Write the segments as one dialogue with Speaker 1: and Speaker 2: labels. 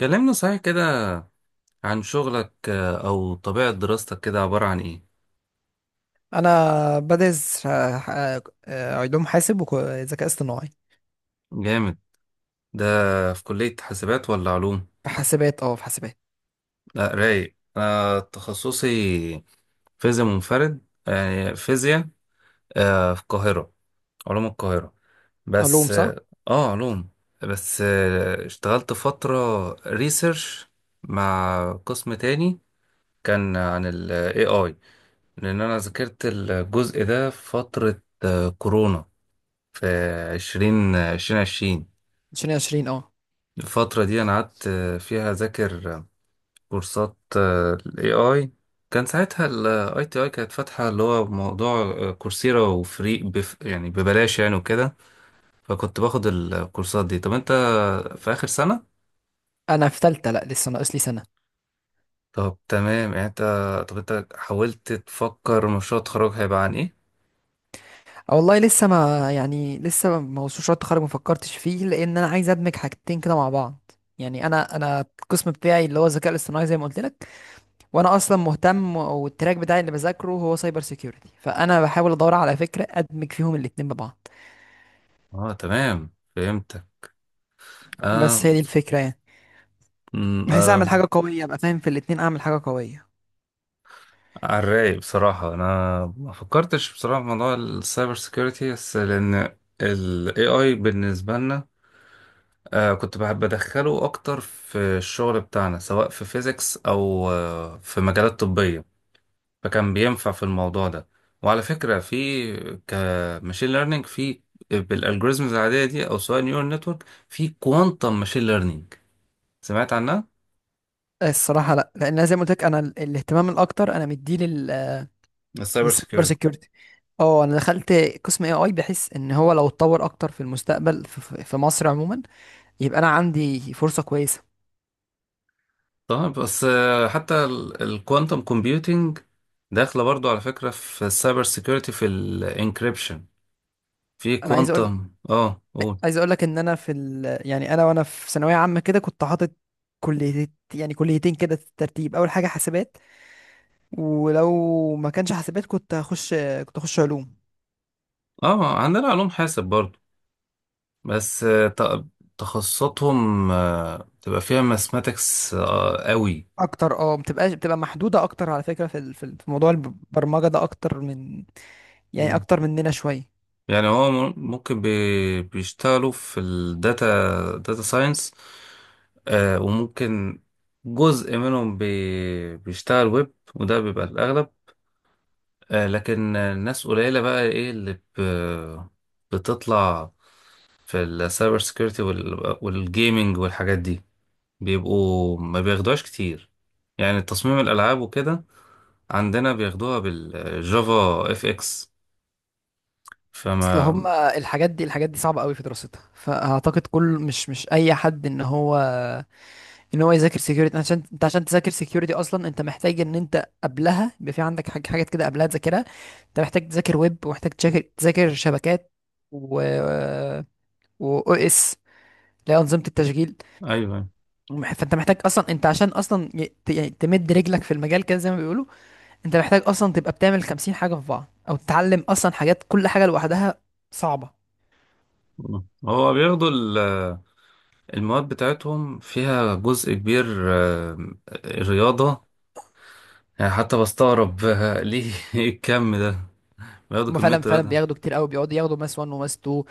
Speaker 1: كلمنا صحيح كده عن شغلك، أو طبيعة دراستك كده عبارة عن إيه؟
Speaker 2: انا بدرس علوم حاسب وذكاء اصطناعي
Speaker 1: جامد. ده في كلية حاسبات ولا علوم؟
Speaker 2: في حاسبات في حاسبات.
Speaker 1: لا رايق، أنا تخصصي فيزياء منفرد، يعني فيزياء، في القاهرة، علوم القاهرة
Speaker 2: علوم
Speaker 1: بس.
Speaker 2: صح.
Speaker 1: علوم. بس اشتغلت فترة ريسيرش مع قسم تاني، كان عن ال AI، لأن أنا ذاكرت الجزء ده في فترة كورونا، في عشرين عشرين.
Speaker 2: 2020 اه.
Speaker 1: الفترة دي أنا قعدت فيها أذاكر كورسات ال AI. كان ساعتها ال ITI كانت فاتحة، اللي هو موضوع كورسيرا وفري بف، يعني ببلاش يعني، وكده. فكنت باخد الكورسات دي. طب أنت في آخر سنة؟
Speaker 2: انا في تالتة، لا لسه ناقص لي سنة.
Speaker 1: طب تمام، يعني طب أنت حاولت تفكر مشروع التخرج هيبقى عن إيه؟
Speaker 2: والله لسه ما يعني لسه ما وصلش شوية التخرج، ما فكرتش فيه، لان انا عايز ادمج حاجتين كده مع بعض. يعني انا القسم بتاعي اللي هو الذكاء الاصطناعي زي ما قلت لك، وانا اصلا مهتم، والتراك بتاعي اللي بذاكره هو سايبر سيكيورتي، فانا بحاول ادور على فكرة ادمج فيهم الاتنين ببعض.
Speaker 1: أه، تمام، فهمتك.
Speaker 2: بس هي دي الفكرة يعني. بحيث
Speaker 1: آه.
Speaker 2: اعمل حاجة قوية، ابقى فاهم في الاتنين، اعمل حاجة قوية.
Speaker 1: على الرايق، بصراحة أنا ما فكرتش بصراحة في موضوع السايبر سيكيورتي، بس لأن ال AI بالنسبة لنا، كنت بحب أدخله أكتر في الشغل بتاعنا، سواء في فيزيكس أو في مجالات طبية. فكان بينفع في الموضوع ده. وعلى فكرة، في كماشين ليرنينج، في بالالجوريزمز العادية دي، أو سواء نيورال نتورك، في كوانتم ماشين ليرنينج، سمعت عنها؟
Speaker 2: الصراحه لا، لان أنا زي ما قلت لك انا الاهتمام الاكتر انا مديه لل
Speaker 1: السايبر
Speaker 2: للسايبر
Speaker 1: سيكيورتي
Speaker 2: سيكيورتي. اه انا دخلت قسم اي اي بحيث ان هو لو اتطور اكتر في المستقبل في مصر عموما، يبقى انا عندي فرصه كويسه.
Speaker 1: طبعا، بس حتى الكوانتم كومبيوتينج داخله برضو على فكره في السايبر سيكيورتي، في الانكريبشن، في
Speaker 2: انا عايز اقول
Speaker 1: كوانتم قول.
Speaker 2: عايز اقول لك ان انا في يعني انا وانا في ثانويه عامه كده كنت حاطط كليه، يعني كليتين كده في الترتيب. اول حاجه حاسبات، ولو ما كانش حاسبات كنت هخش علوم.
Speaker 1: اه، عندنا علوم حاسب برضو. بس تخصصاتهم تبقى فيها ماثماتكس قوي.
Speaker 2: اكتر اه بتبقى محدوده اكتر على فكره في في موضوع البرمجه ده اكتر من، يعني
Speaker 1: مم.
Speaker 2: اكتر مننا شويه.
Speaker 1: يعني هو ممكن بيشتغلوا في الداتا، داتا ساينس، وممكن جزء منهم بيشتغل ويب، وده بيبقى الأغلب. لكن الناس قليلة بقى، ايه اللي بتطلع في السايبر سيكيورتي وال والجيمينج والحاجات دي، بيبقوا ما بياخدوهاش كتير. يعني تصميم الألعاب وكده، عندنا بياخدوها بالجافا اف اكس.
Speaker 2: اصل
Speaker 1: فما
Speaker 2: هم الحاجات دي، الحاجات دي صعبه قوي في دراستها، فاعتقد كل مش اي حد ان هو يذاكر سكيورتي. عشان انت، عشان تذاكر سكيورتي اصلا انت محتاج ان انت قبلها يبقى في عندك حاجات كده قبلها تذاكرها. انت محتاج تذاكر ويب، ومحتاج تذاكر شبكات، و و او اس اللي هي انظمه التشغيل.
Speaker 1: ايوه،
Speaker 2: فانت محتاج اصلا، انت عشان اصلا يعني تمد رجلك في المجال كده زي ما بيقولوا، انت محتاج اصلا تبقى بتعمل 50 حاجه في بعض، او تتعلم اصلا حاجات، كل حاجه لوحدها صعبه.
Speaker 1: هو بياخدوا المواد بتاعتهم فيها جزء كبير، آه، رياضة. يعني حتى بستغرب، ليه إيه الكم ده؟ بياخدوا
Speaker 2: هما
Speaker 1: كمية
Speaker 2: فعلا
Speaker 1: رياضة.
Speaker 2: بياخدوا كتير قوي، بيقعدوا ياخدوا ماس 1 وماس 2،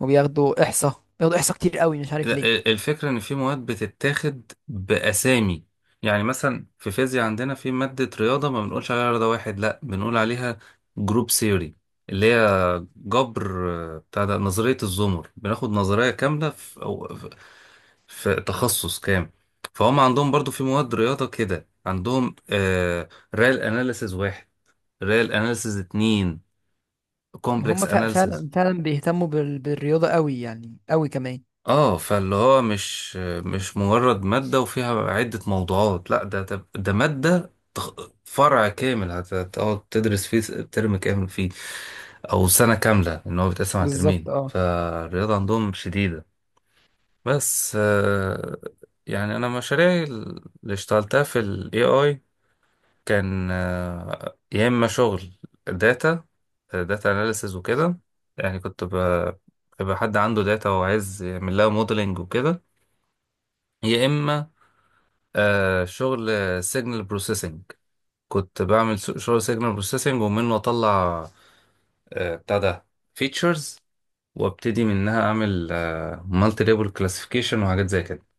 Speaker 2: وبياخدوا احصاء كتير قوي، مش عارف
Speaker 1: لا،
Speaker 2: ليه.
Speaker 1: الفكرة إن في مواد بتتاخد بأسامي. يعني مثلا في فيزياء عندنا في مادة رياضة، ما بنقولش عليها رياضة واحد، لأ، بنقول عليها جروب سيوري، اللي هي جبر، بتاع ده نظرية الزمر. بناخد نظرية كاملة في, أو في في تخصص كام. فهم عندهم برضو في مواد رياضة كده، عندهم ريال أناليسز واحد، ريال أناليسز اتنين، كومبلكس
Speaker 2: هما فع-
Speaker 1: أناليسز.
Speaker 2: فعلا فعلا بيهتموا بالرياضة قوي، يعني قوي كمان.
Speaker 1: اه، فاللي هو مش مجرد مادة وفيها عدة موضوعات، لا، ده مادة، فرع كامل، هتقعد تدرس فيه ترم كامل فيه، او سنة كاملة ان هو بيتقسم على
Speaker 2: بالظبط
Speaker 1: ترمين.
Speaker 2: اه.
Speaker 1: فالرياضة عندهم شديدة. بس يعني انا مشاريعي اللي اشتغلتها في ال AI، كان يا اما شغل داتا داتا اناليسز وكده. يعني كنت بيبقى حد عنده داتا وعايز يعمل لها موديلنج وكده، يا اما شغل سيجنال بروسيسنج. كنت بعمل شغل سيجنال بروسيسنج، ومنه اطلع بتاع ده فيتشرز، وابتدي منها اعمل مالتي ليبل كلاسيفيكيشن وحاجات زي كده.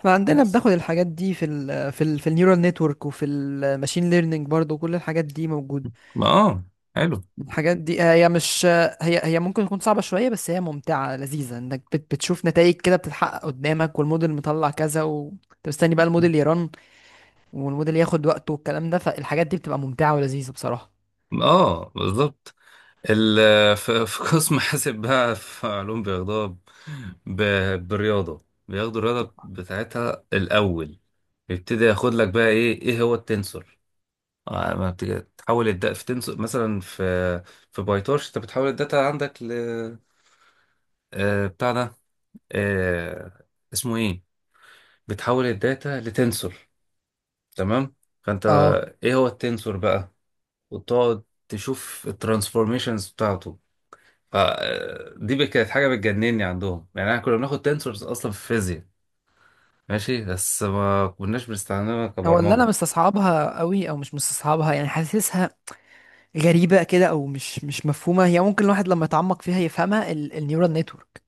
Speaker 2: احنا عندنا
Speaker 1: ناقص
Speaker 2: بناخد الحاجات دي في ال في ال في النيورال نتورك وفي الماشين ليرنينج، برضو كل الحاجات دي موجودة.
Speaker 1: ما، اه، حلو.
Speaker 2: الحاجات دي هي مش هي هي ممكن تكون صعبة شوية، بس هي ممتعة لذيذة، انك بتشوف نتائج كده بتتحقق قدامك، والموديل مطلع كذا، وانت مستني بقى الموديل يرن، والموديل ياخد وقته والكلام ده. فالحاجات دي بتبقى ممتعة ولذيذة بصراحة.
Speaker 1: اه، بالظبط. في قسم حاسب بقى في علوم، بياخدوها بالرياضة. بياخدوا الرياضة بتاعتها الأول. يبتدي ياخد لك بقى، ايه هو التنسور. آه، ما بت- بتحول الداتا في تنس، مثلا، في بايتورش، انت بتحول الداتا عندك ل، بتاع ده، آه، اسمه ايه، بتحول الداتا لتنسور، تمام. فانت
Speaker 2: اه.
Speaker 1: ايه هو التنسور بقى؟ وتقعد تشوف الترانسفورميشنز بتاعته. دي بقى كانت حاجه بتجنني عندهم. يعني احنا كنا بناخد تنسورز اصلا في الفيزياء، ماشي، بس ما كناش بنستخدمها
Speaker 2: هو اللي انا
Speaker 1: كبرمجه.
Speaker 2: مستصعبها قوي، او مش مستصعبها، يعني حاسسها غريبه كده، او مش مفهومه. هي ممكن الواحد لما يتعمق فيها يفهمها، النيورال نتورك،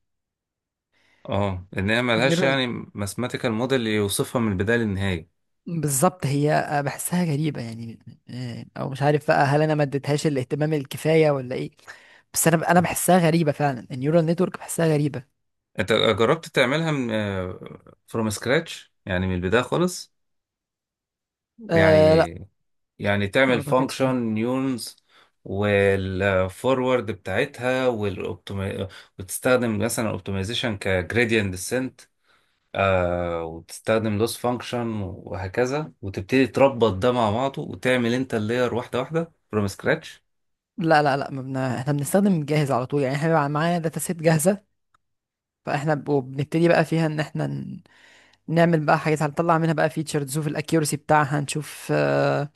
Speaker 1: اه ان هي ملهاش
Speaker 2: النيورال.
Speaker 1: يعني ماثيماتيكال موديل يوصفها من البدايه للنهايه.
Speaker 2: بالظبط، هي بحسها غريبه يعني. او مش عارف بقى هل انا ما اديتهاش الاهتمام الكفايه، ولا ايه. بس انا بحسها غريبه فعلا، النيورال نتورك بحسها غريبه.
Speaker 1: انت جربت تعملها من فروم سكراتش؟ يعني من البداية خالص،
Speaker 2: أه لا،
Speaker 1: يعني
Speaker 2: ما
Speaker 1: تعمل
Speaker 2: اعتقدش.
Speaker 1: فانكشن نيونز والفورورد بتاعتها وتستخدم مثلا الاوبتمايزيشن كجريدينت ديسنت، وتستخدم لوس فانكشن وهكذا، وتبتدي تربط ده مع بعضه، وتعمل انت اللاير واحدة واحدة فروم سكراتش.
Speaker 2: لا لا لا ما بن... احنا بنستخدم جاهز على طول، يعني احنا بيبقى معانا داتا سيت جاهزه، فاحنا وبنبتدي بقى فيها ان احنا نعمل بقى حاجات، هنطلع منها بقى فيتشرز، نشوف الاكيورسي بتاعها، نشوف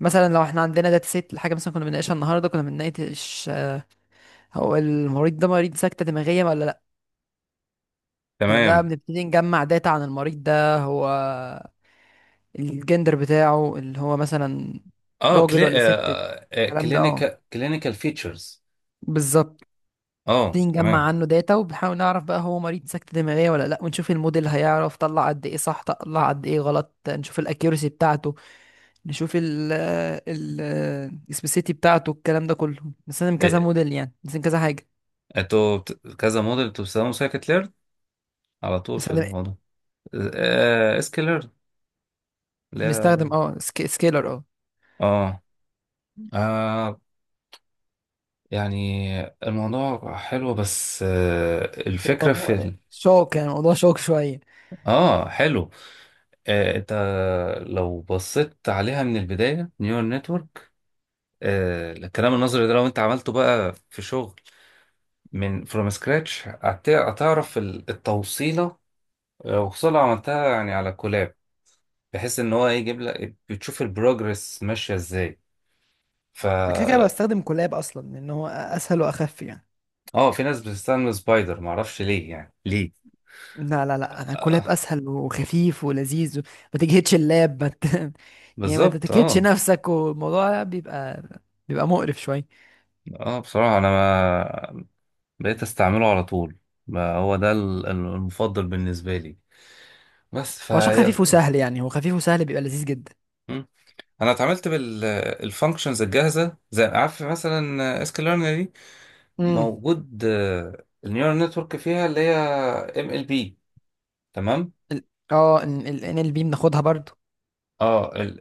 Speaker 2: مثلا لو احنا عندنا داتا سيت لحاجه. مثلا كنا بنناقشها النهارده، كنا بنناقش هو المريض ده مريض سكته دماغيه ولا لا. كنا بقى
Speaker 1: تمام.
Speaker 2: بنبتدي نجمع داتا عن المريض ده، هو الجندر بتاعه اللي هو مثلا راجل ولا ست، الكلام ده اه.
Speaker 1: كلينيكال فيتشرز.
Speaker 2: بالظبط،
Speaker 1: Clinical features.
Speaker 2: نبتدي نجمع
Speaker 1: تمام.
Speaker 2: عنه داتا، وبنحاول نعرف بقى هو مريض سكتة دماغية ولا لا، ونشوف الموديل هيعرف، طلع قد ايه صح طلع قد ايه غلط، نشوف الاكيورسي بتاعته، نشوف ال ال السبيسيتي بتاعته. الكلام ده كله بنستخدم
Speaker 1: آه،
Speaker 2: كذا موديل، يعني بنستخدم كذا حاجة.
Speaker 1: كذا موديل. انتوا بتستخدموا سايكت ليرن على طول في
Speaker 2: بنستخدم
Speaker 1: الموضوع؟ اس كي ليرن، لا،
Speaker 2: بنستخدم اه سكيلر اه.
Speaker 1: اه آه، يعني الموضوع حلو، بس الفكرة في
Speaker 2: هو ده. شوك، يعني الموضوع شوك شوية.
Speaker 1: اه، حلو. انت لو بصيت عليها من البداية، نيورال نتورك، الكلام النظري ده، لو انت عملته بقى في شغل من فروم سكراتش هتعرف التوصيلة، وخصوصا لو عملتها يعني على كولاب، بحيث ان هو يجيب لك، بتشوف البروجرس ماشيه ازاي. ف
Speaker 2: أنا كده كده بستخدم كولاب أصلا، لأن هو أسهل وأخف يعني.
Speaker 1: اه في ناس بتستخدم سبايدر، ما اعرفش ليه يعني ليه.
Speaker 2: لا لا لا، انا كولاب
Speaker 1: آه
Speaker 2: اسهل وخفيف ولذيذ و... ما تجهدش اللاب، ما ت... يعني ما
Speaker 1: بالظبط.
Speaker 2: تتكتش
Speaker 1: اه
Speaker 2: نفسك، والموضوع بيبقى مقرف شوية.
Speaker 1: اه بصراحه انا ما بقيت استعمله على طول. ما هو ده المفضل بالنسبه لي، بس
Speaker 2: هو عشان خفيف وسهل، يعني هو خفيف وسهل بيبقى لذيذ جدا.
Speaker 1: انا اتعاملت بالفانكشنز الجاهزه، زي عارف، مثلا اس كيو دي
Speaker 2: امم.
Speaker 1: موجود. النيورال نتورك فيها اللي هي ام ال بي، تمام.
Speaker 2: ال- ان ال بي بناخدها برضو.
Speaker 1: اه ال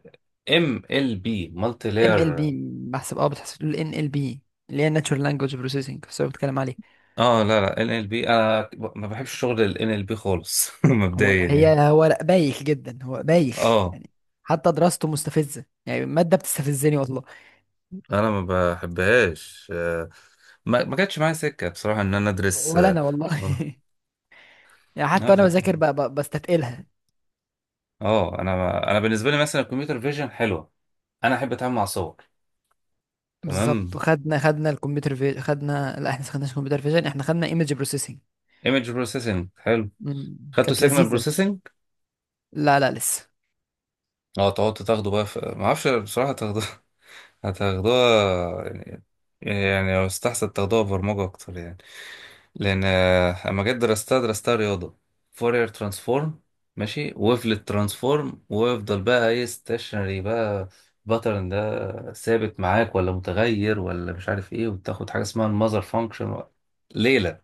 Speaker 1: ام ال بي مالتي
Speaker 2: ام
Speaker 1: لاير.
Speaker 2: ال بي بحسب اه، بتحسب ال ان ال بي اللي هي Natural Language Processing، بس هو بتكلم عليه.
Speaker 1: اه لا، لا، ان ال بي، انا ما بحبش شغل الان ال بي خالص
Speaker 2: هو
Speaker 1: مبدئيا يعني.
Speaker 2: هي هو لا، بايخ جدا، هو بايخ
Speaker 1: اه
Speaker 2: يعني. حتى دراسته مستفزة، يعني المادة بتستفزني والله.
Speaker 1: انا ما بحبهاش، ما جاتش معايا سكه بصراحه ان انا ادرس
Speaker 2: ولا انا والله يعني حتى
Speaker 1: آه، ف-
Speaker 2: وانا بذاكر بستتقلها.
Speaker 1: انا ما... انا بالنسبه لي مثلا الكمبيوتر فيجن حلوه. انا احب اتعامل مع صور، تمام.
Speaker 2: بالظبط. وخدنا خدنا الكمبيوتر في خدنا لا احنا ما خدناش كمبيوتر فيجن، احنا خدنا ايمج بروسيسنج.
Speaker 1: ايمج بروسيسنج حلو. خدتوا
Speaker 2: كانت
Speaker 1: سيجنال
Speaker 2: لذيذة.
Speaker 1: بروسيسنج؟
Speaker 2: لا لا لسه.
Speaker 1: اه تقعد تاخده بقى في، ما اعرفش بصراحه تاخده هتاخدوها يعني، يعني لو استحسن تاخدوها برمجة أكتر. يعني لأن أما جيت درستها، درستها رياضة. فورير ترانسفورم، ماشي، ويفلت ترانسفورم، ويفضل بقى ايه ستيشنري بقى، باترن ده ثابت معاك ولا متغير ولا مش عارف ايه، وتاخد حاجة اسمها المذر فانكشن، ليلة.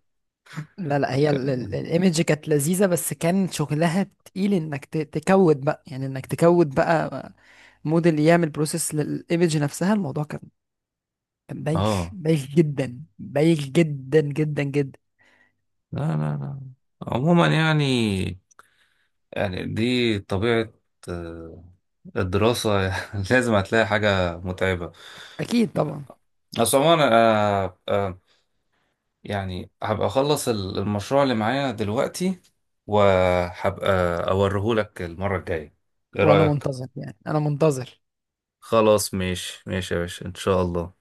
Speaker 2: لا لا،
Speaker 1: ك-
Speaker 2: الايمج كانت لذيذة، بس كان شغلها تقيل انك تكود بقى، يعني انك تكود بقى موديل يعمل بروسيس للايمج نفسها. الموضوع كان، كان بايخ،
Speaker 1: اه
Speaker 2: بايخ جدا، بايخ جدا جدا جدا.
Speaker 1: لا، لا، لا. عموما يعني، يعني دي طبيعة آه، الدراسة. لازم هتلاقي حاجة متعبة.
Speaker 2: اكيد طبعا.
Speaker 1: بس عموما أنا يعني هبقى أخلص المشروع اللي معايا دلوقتي، وهبقى أوريهولك المرة الجاية. إيه
Speaker 2: وانا
Speaker 1: رأيك؟
Speaker 2: منتظر، يعني انا منتظر.
Speaker 1: خلاص، ماشي، ماشي يا باشا، إن شاء الله.